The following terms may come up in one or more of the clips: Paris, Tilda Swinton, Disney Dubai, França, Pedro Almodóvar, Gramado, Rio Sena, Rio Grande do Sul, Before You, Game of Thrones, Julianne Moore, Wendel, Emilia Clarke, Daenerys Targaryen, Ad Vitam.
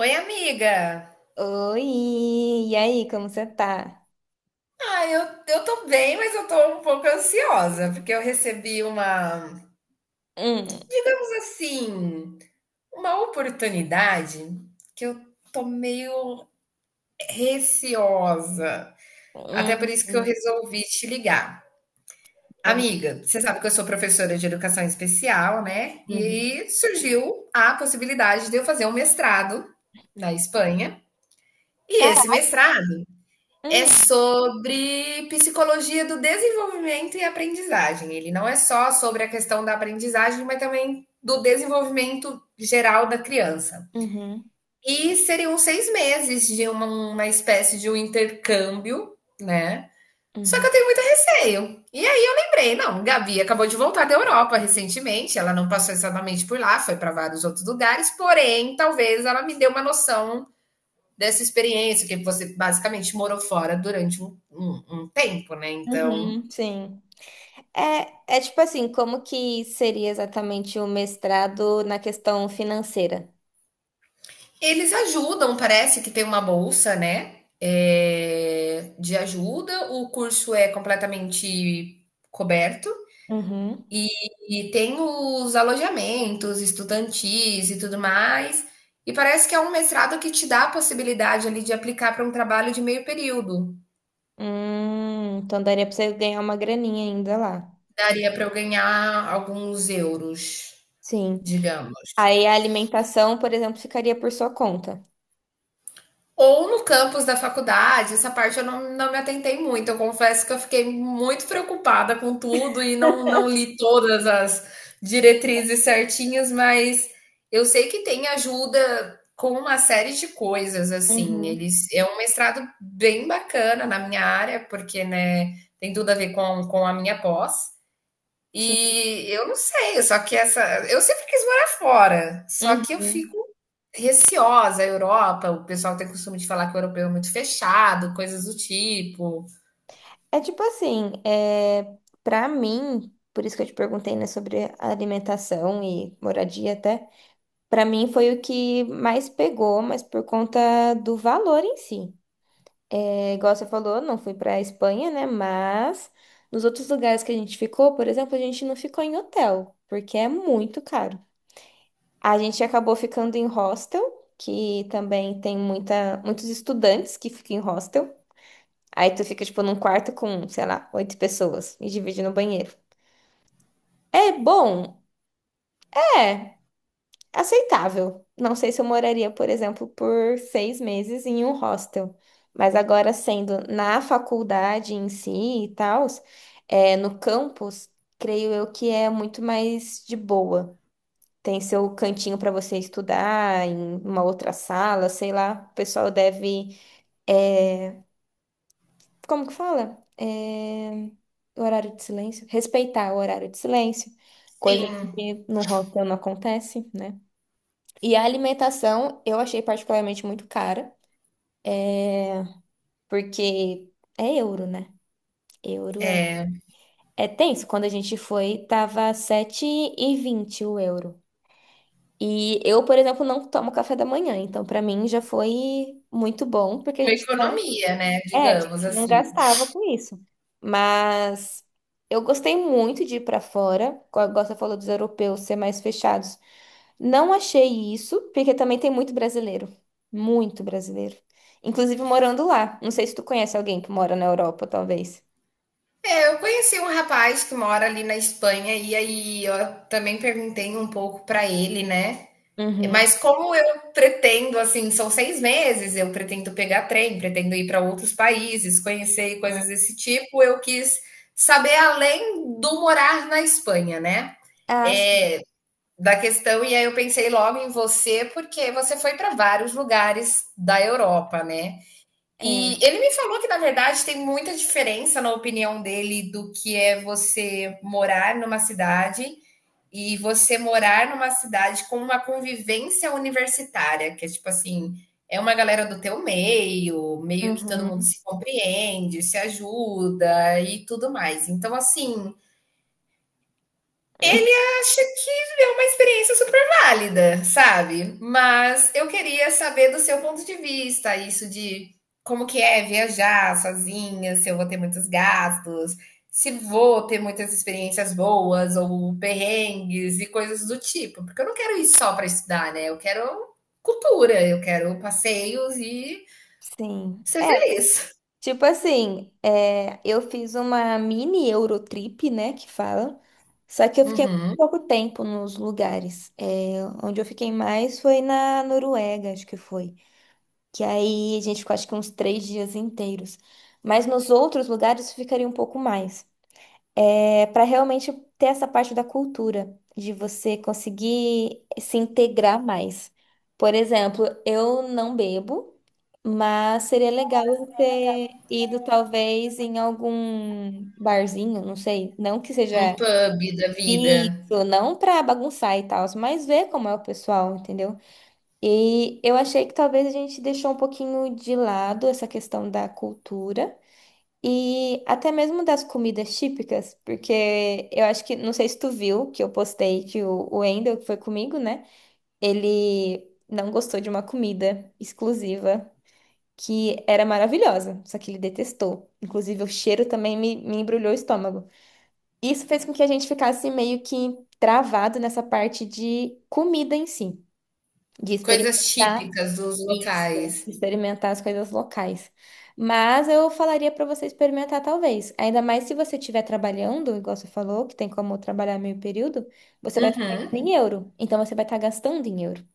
Oi, amiga. Oi, e aí, como você tá? Ah, eu tô bem, mas eu tô um pouco ansiosa, porque eu recebi Hum, mas assim, uma oportunidade que eu tô meio receosa. Até por isso que eu hum. resolvi te ligar. Vamos. Amiga, você sabe que eu sou professora de educação especial, né? E Uhum. aí surgiu a possibilidade de eu fazer um mestrado na Espanha. E Cara, esse mestrado é hum, sobre psicologia do desenvolvimento e aprendizagem. Ele não é só sobre a questão da aprendizagem, mas também do desenvolvimento geral da criança. uhum, E seriam 6 meses de uma espécie de um intercâmbio, né? Só que eu uhum, tenho muito receio. E aí eu lembrei, não, Gabi acabou de voltar da Europa recentemente, ela não passou exatamente por lá, foi para vários outros lugares, porém, talvez ela me dê uma noção dessa experiência, que você basicamente morou fora durante um tempo, né? Então, uhum, sim. É, tipo assim, como que seria exatamente o mestrado na questão financeira? eles ajudam, parece que tem uma bolsa, né? É, de ajuda, o curso é completamente coberto Uhum. e, e tem os alojamentos estudantis e tudo mais. E parece que é um mestrado que te dá a possibilidade ali de aplicar para um trabalho de meio período. Então daria pra você ganhar uma graninha ainda lá. Daria para eu ganhar alguns euros, Sim. digamos. Aí a alimentação, por exemplo, ficaria por sua conta. Ou no campus da faculdade, essa parte eu não me atentei muito. Eu confesso que eu fiquei muito preocupada com tudo e não li todas as diretrizes certinhas, mas eu sei que tem ajuda com uma série de coisas, assim. Uhum. Eles é um mestrado bem bacana na minha área, porque né, tem tudo a ver com a minha pós. Sim. E eu não sei, só que essa eu sempre quis morar fora, só que eu Uhum. fico receosa. A Europa, o pessoal tem costume de falar que o europeu é muito fechado, coisas do tipo. É tipo assim, para mim, por isso que eu te perguntei, né, sobre a alimentação e moradia até, pra mim foi o que mais pegou, mas por conta do valor em si. É, igual você falou, não fui pra Espanha, né, mas nos outros lugares que a gente ficou, por exemplo, a gente não ficou em hotel, porque é muito caro. A gente acabou ficando em hostel, que também tem muitos estudantes que ficam em hostel. Aí tu fica, tipo, num quarto com, sei lá, oito pessoas e divide no banheiro. É bom? É, aceitável. Não sei se eu moraria, por exemplo, por 6 meses em um hostel. Mas agora, sendo na faculdade em si e tal, no campus, creio eu que é muito mais de boa. Tem seu cantinho para você estudar, em uma outra sala, sei lá. O pessoal deve é, como que fala? O horário de silêncio. Respeitar o horário de silêncio, coisa Sim, que no hostel não acontece, né? E a alimentação eu achei particularmente muito cara, porque é euro, né? Euro é. É tenso. Quando a gente foi, tava 7,20 o euro. E eu, por exemplo, não tomo café da manhã, então pra mim já foi muito bom, porque a uma gente não. economia, né, A digamos gente não assim. gastava com isso. Mas eu gostei muito de ir pra fora, como você falou dos europeus ser mais fechados. Não achei isso, porque também tem muito brasileiro. Muito brasileiro. Inclusive morando lá. Não sei se tu conhece alguém que mora na Europa, talvez. É, eu conheci um rapaz que mora ali na Espanha e aí eu também perguntei um pouco para ele, né? Uhum. Mas como eu pretendo, assim, são 6 meses, eu pretendo pegar trem, pretendo ir para outros países, conhecer coisas Uhum. desse tipo, eu quis saber além do morar na Espanha, né? Ah, sim. É, da questão, e aí eu pensei logo em você, porque você foi para vários lugares da Europa, né? É. E ele me falou que, na verdade, tem muita diferença na opinião dele do que é você morar numa cidade e você morar numa cidade com uma convivência universitária, que é tipo assim, é uma galera do teu meio, meio que todo mundo Uhum. se compreende, se ajuda e tudo mais. Então, assim, acho que é uma experiência super válida, sabe? Mas eu queria saber do seu ponto de vista, isso de como que é viajar sozinha, se eu vou ter muitos gastos, se vou ter muitas experiências boas ou perrengues e coisas do tipo, porque eu não quero ir só para estudar, né? Eu quero cultura, eu quero passeios e Sim. ser É, feliz. tipo assim, eu fiz uma mini Eurotrip, né, que fala. Só que eu fiquei muito Uhum. pouco tempo nos lugares. Onde eu fiquei mais foi na Noruega, acho que foi. Que aí a gente ficou acho que uns 3 dias inteiros. Mas nos outros lugares eu ficaria um pouco mais, para realmente ter essa parte da cultura, de você conseguir se integrar mais. Por exemplo, eu não bebo, mas seria legal eu ter ido talvez em algum barzinho, não sei, não que seja Um pub da vida, isso, não para bagunçar e tal, mas ver como é o pessoal, entendeu? E eu achei que talvez a gente deixou um pouquinho de lado essa questão da cultura. E até mesmo das comidas típicas, porque eu acho que, não sei se tu viu, que eu postei que o Wendel, que foi comigo, né? Ele não gostou de uma comida exclusiva que era maravilhosa, só que ele detestou. Inclusive, o cheiro também me embrulhou o estômago. Isso fez com que a gente ficasse meio que travado nessa parte de comida em si, de coisas experimentar. típicas dos Isso, locais. experimentar as coisas locais. Mas eu falaria para você experimentar, talvez. Ainda mais se você estiver trabalhando, igual você falou, que tem como trabalhar meio período, você vai estar Uhum. ganhando em euro. Então você vai estar gastando em euro.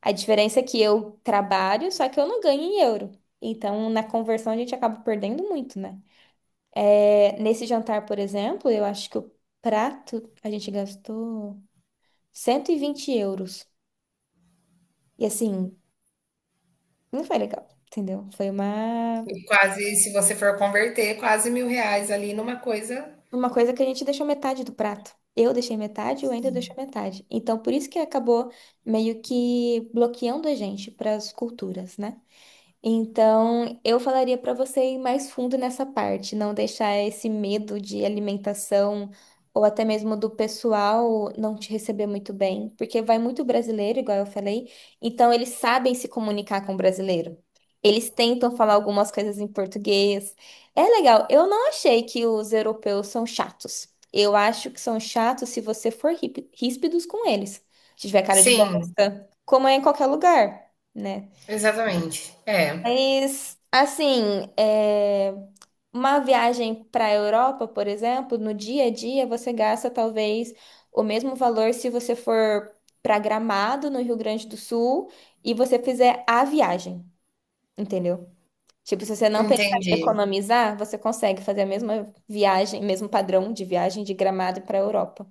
A diferença é que eu trabalho, só que eu não ganho em euro. Então, na conversão, a gente acaba perdendo muito, né? É, nesse jantar, por exemplo, eu acho que o prato a gente gastou 120 euros. E assim, não foi legal, entendeu? Foi E quase, se você for converter, quase 1.000 reais ali numa coisa. uma coisa que a gente deixou metade do prato. Eu deixei metade e o Wendel deixou metade. Então, por isso que acabou meio que bloqueando a gente para as culturas, né? Então, eu falaria para você ir mais fundo nessa parte, não deixar esse medo de alimentação ou até mesmo do pessoal não te receber muito bem, porque vai muito brasileiro, igual eu falei, então eles sabem se comunicar com o brasileiro. Eles tentam falar algumas coisas em português. É legal, eu não achei que os europeus são chatos. Eu acho que são chatos se você for ríspidos com eles. Se tiver cara de Sim, bosta, como é em qualquer lugar, né? exatamente. É, Mas, assim, uma viagem para a Europa, por exemplo, no dia a dia você gasta talvez o mesmo valor se você for para Gramado, no Rio Grande do Sul, e você fizer a viagem, entendeu? Tipo, se você não pensar em entendi. economizar, você consegue fazer a mesma viagem, mesmo padrão de viagem de Gramado para a Europa.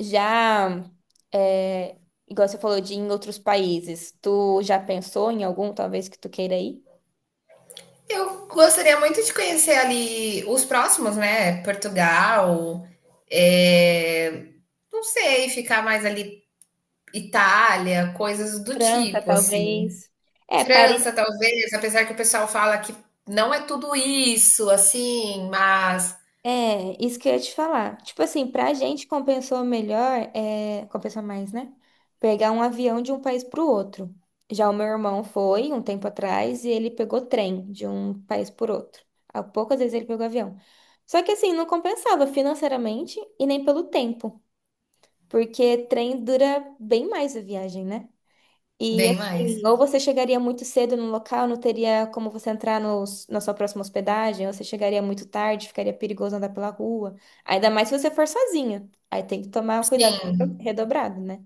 Já, é, igual você falou de ir em outros países, tu já pensou em algum, talvez, que tu queira ir? Eu gostaria muito de conhecer ali os próximos, né? Portugal, é, não sei, ficar mais ali Itália, coisas do França, tipo, assim. talvez. É, Paris. França, talvez, apesar que o pessoal fala que não é tudo isso, assim, mas É, isso que eu ia te falar. Tipo assim, pra gente compensou melhor, compensou mais, né? Pegar um avião de um país pro outro. Já o meu irmão foi um tempo atrás e ele pegou trem de um país por outro. Há poucas vezes ele pegou avião. Só que assim, não compensava financeiramente e nem pelo tempo, porque trem dura bem mais a viagem, né? E bem assim, mais. ou você chegaria muito cedo no local, não teria como você entrar na sua próxima hospedagem, ou você chegaria muito tarde, ficaria perigoso andar pela rua. Ainda mais se você for sozinha. Aí tem que tomar cuidado Sim, redobrado, né?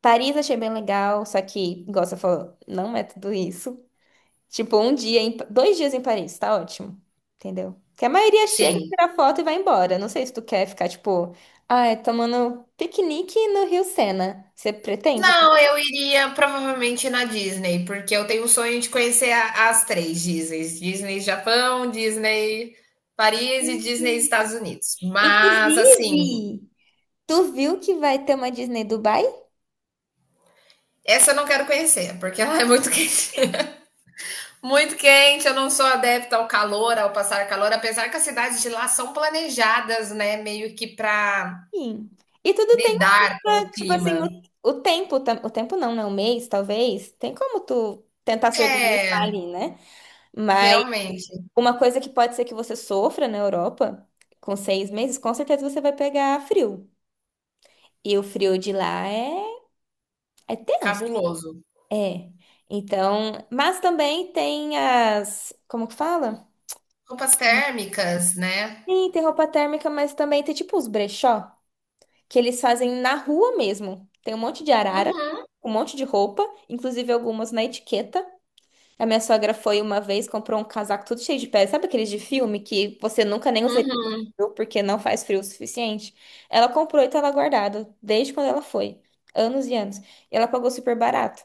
Paris achei bem legal, só que, igual você falou, não é tudo isso. Tipo, um dia, 2 dias em Paris, tá ótimo. Entendeu? Porque a maioria chega, sim. tira foto e vai embora. Não sei se tu quer ficar, tipo, ai, tomando piquenique no Rio Sena. Você pretende? Não, eu iria provavelmente na Disney, porque eu tenho o sonho de conhecer as três Disneys: Disney Japão, Disney Paris e Disney Estados Unidos. Mas, assim, Inclusive, tu viu que vai ter uma Disney Dubai? essa eu não quero conhecer, porque ela é muito quente. Muito quente, eu não sou adepta ao calor, ao passar calor, apesar que as cidades de lá são planejadas, né, meio que para Sim. E tudo tem um lidar com o clima, tipo assim, clima. O tempo não, né? Um mês, talvez. Tem como tu tentar se organizar É, ali, né? Mas realmente, uma coisa que pode ser que você sofra na Europa, com 6 meses, com certeza você vai pegar frio. E o frio de lá é tenso. cabuloso. É. Então, mas também tem as, como que fala? Roupas térmicas, né? Sim, tem roupa térmica, mas também tem tipo os brechó, que eles fazem na rua mesmo. Tem um monte de arara, Uhum, um monte de roupa, inclusive algumas na etiqueta. A minha sogra foi uma vez, comprou um casaco todo cheio de pele. Sabe aqueles de filme que você nunca nem usaria uhum. porque não faz frio o suficiente? Ela comprou e estava guardado desde quando ela foi, anos e anos. E ela pagou super barato.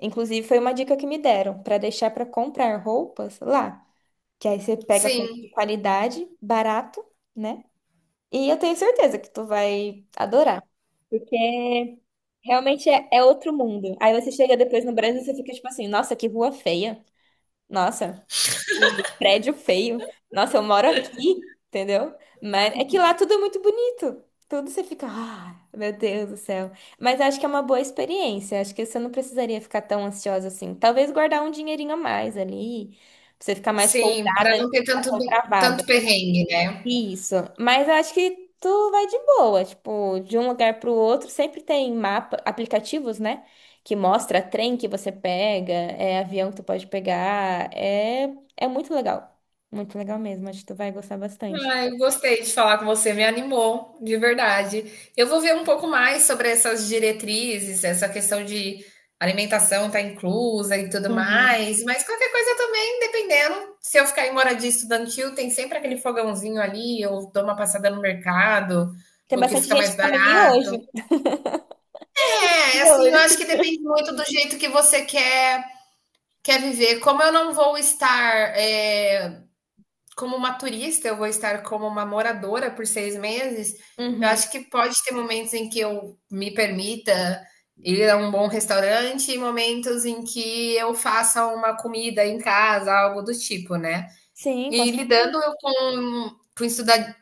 Inclusive, foi uma dica que me deram para deixar para comprar roupas lá. Que aí você pega com Sim, qualidade, barato, né? E eu tenho certeza que tu vai adorar. Porque realmente é outro mundo. Aí você chega depois no Brasil e você fica tipo assim, nossa, que rua feia. Nossa, que prédio feio. Nossa, eu moro aqui, entendeu? Mas é que lá tudo é muito bonito. Tudo você fica, ah, meu Deus do céu. Mas acho que é uma boa experiência. Acho que você não precisaria ficar tão ansiosa assim. Talvez guardar um dinheirinho a mais ali, pra você ficar mais sim, para folgada, não não ter ficar tanto tão tanto travada. perrengue, né. Isso, mas eu acho que tu vai de boa, tipo, de um lugar pro outro, sempre tem mapa, aplicativos, né? Que mostra trem que você pega, é avião que tu pode pegar, é muito legal. Muito legal mesmo, acho que tu vai gostar bastante. Ai, gostei de falar com você, me animou, de verdade. Eu vou ver um pouco mais sobre essas diretrizes, essa questão de alimentação tá inclusa e tudo Uhum. mais, mas qualquer coisa também, dependendo, se eu ficar em moradia estudantil, tem sempre aquele fogãozinho ali, eu dou uma passada no mercado, Tem o que bastante fica gente mais que come barato. miojo. É, E assim, olha, eu acho que depende muito do jeito que você quer viver. Como eu não vou estar, como uma turista, eu vou estar como uma moradora por 6 meses. Eu uhum. acho que pode ter momentos em que eu me permita ir a um bom restaurante e momentos em que eu faça uma comida em casa, algo do tipo, né? Sim, com E certeza. lidando eu com com estuda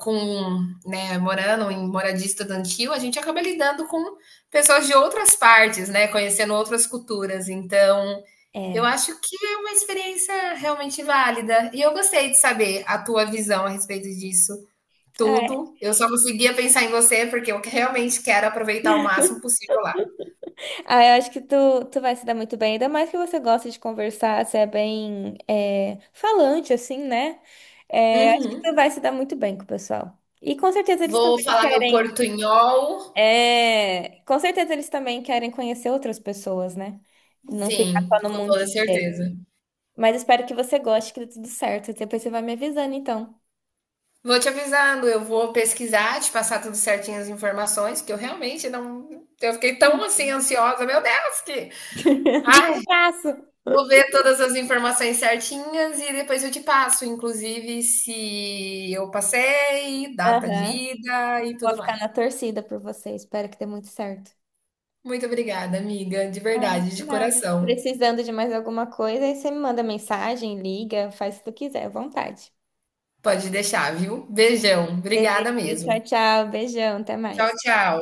com, né, morando em moradia estudantil, a gente acaba lidando com pessoas de outras partes, né, conhecendo outras culturas. Então, eu É. acho que é uma experiência realmente válida. E eu gostei de saber a tua visão a respeito disso Ah, tudo. Eu só conseguia pensar em você porque eu realmente quero aproveitar o máximo possível lá. Eu acho que tu vai se dar muito bem, ainda mais que você gosta de conversar, você é bem falante, assim, né? É, acho que tu Uhum. vai se dar muito bem com o pessoal. E com certeza eles Vou também falar meu querem. portunhol. É, com certeza eles também querem conhecer outras pessoas, né? Não ficar Sim, só no com toda mundinho deles. certeza. Mas espero que você goste, que dê tudo certo. Depois você vai me avisando, então. Vou te avisando, eu vou pesquisar, te passar tudo certinho as informações, que eu realmente não. Eu fiquei tão assim ansiosa, meu Deus, que. O que que Ai, eu faço? vou ver todas as informações certinhas e depois eu te passo, inclusive se eu passei, data de Aham. ida e Vou tudo ficar mais. na torcida por você. Espero que dê muito certo. Muito obrigada, amiga, de Ai, verdade, de de nada. coração. Precisando de mais alguma coisa, aí você me manda mensagem, liga, faz o que tu quiser, à vontade. Pode deixar, viu? Beijão, Beleza, obrigada mesmo. tchau, tchau, beijão, até Tchau, mais. tchau.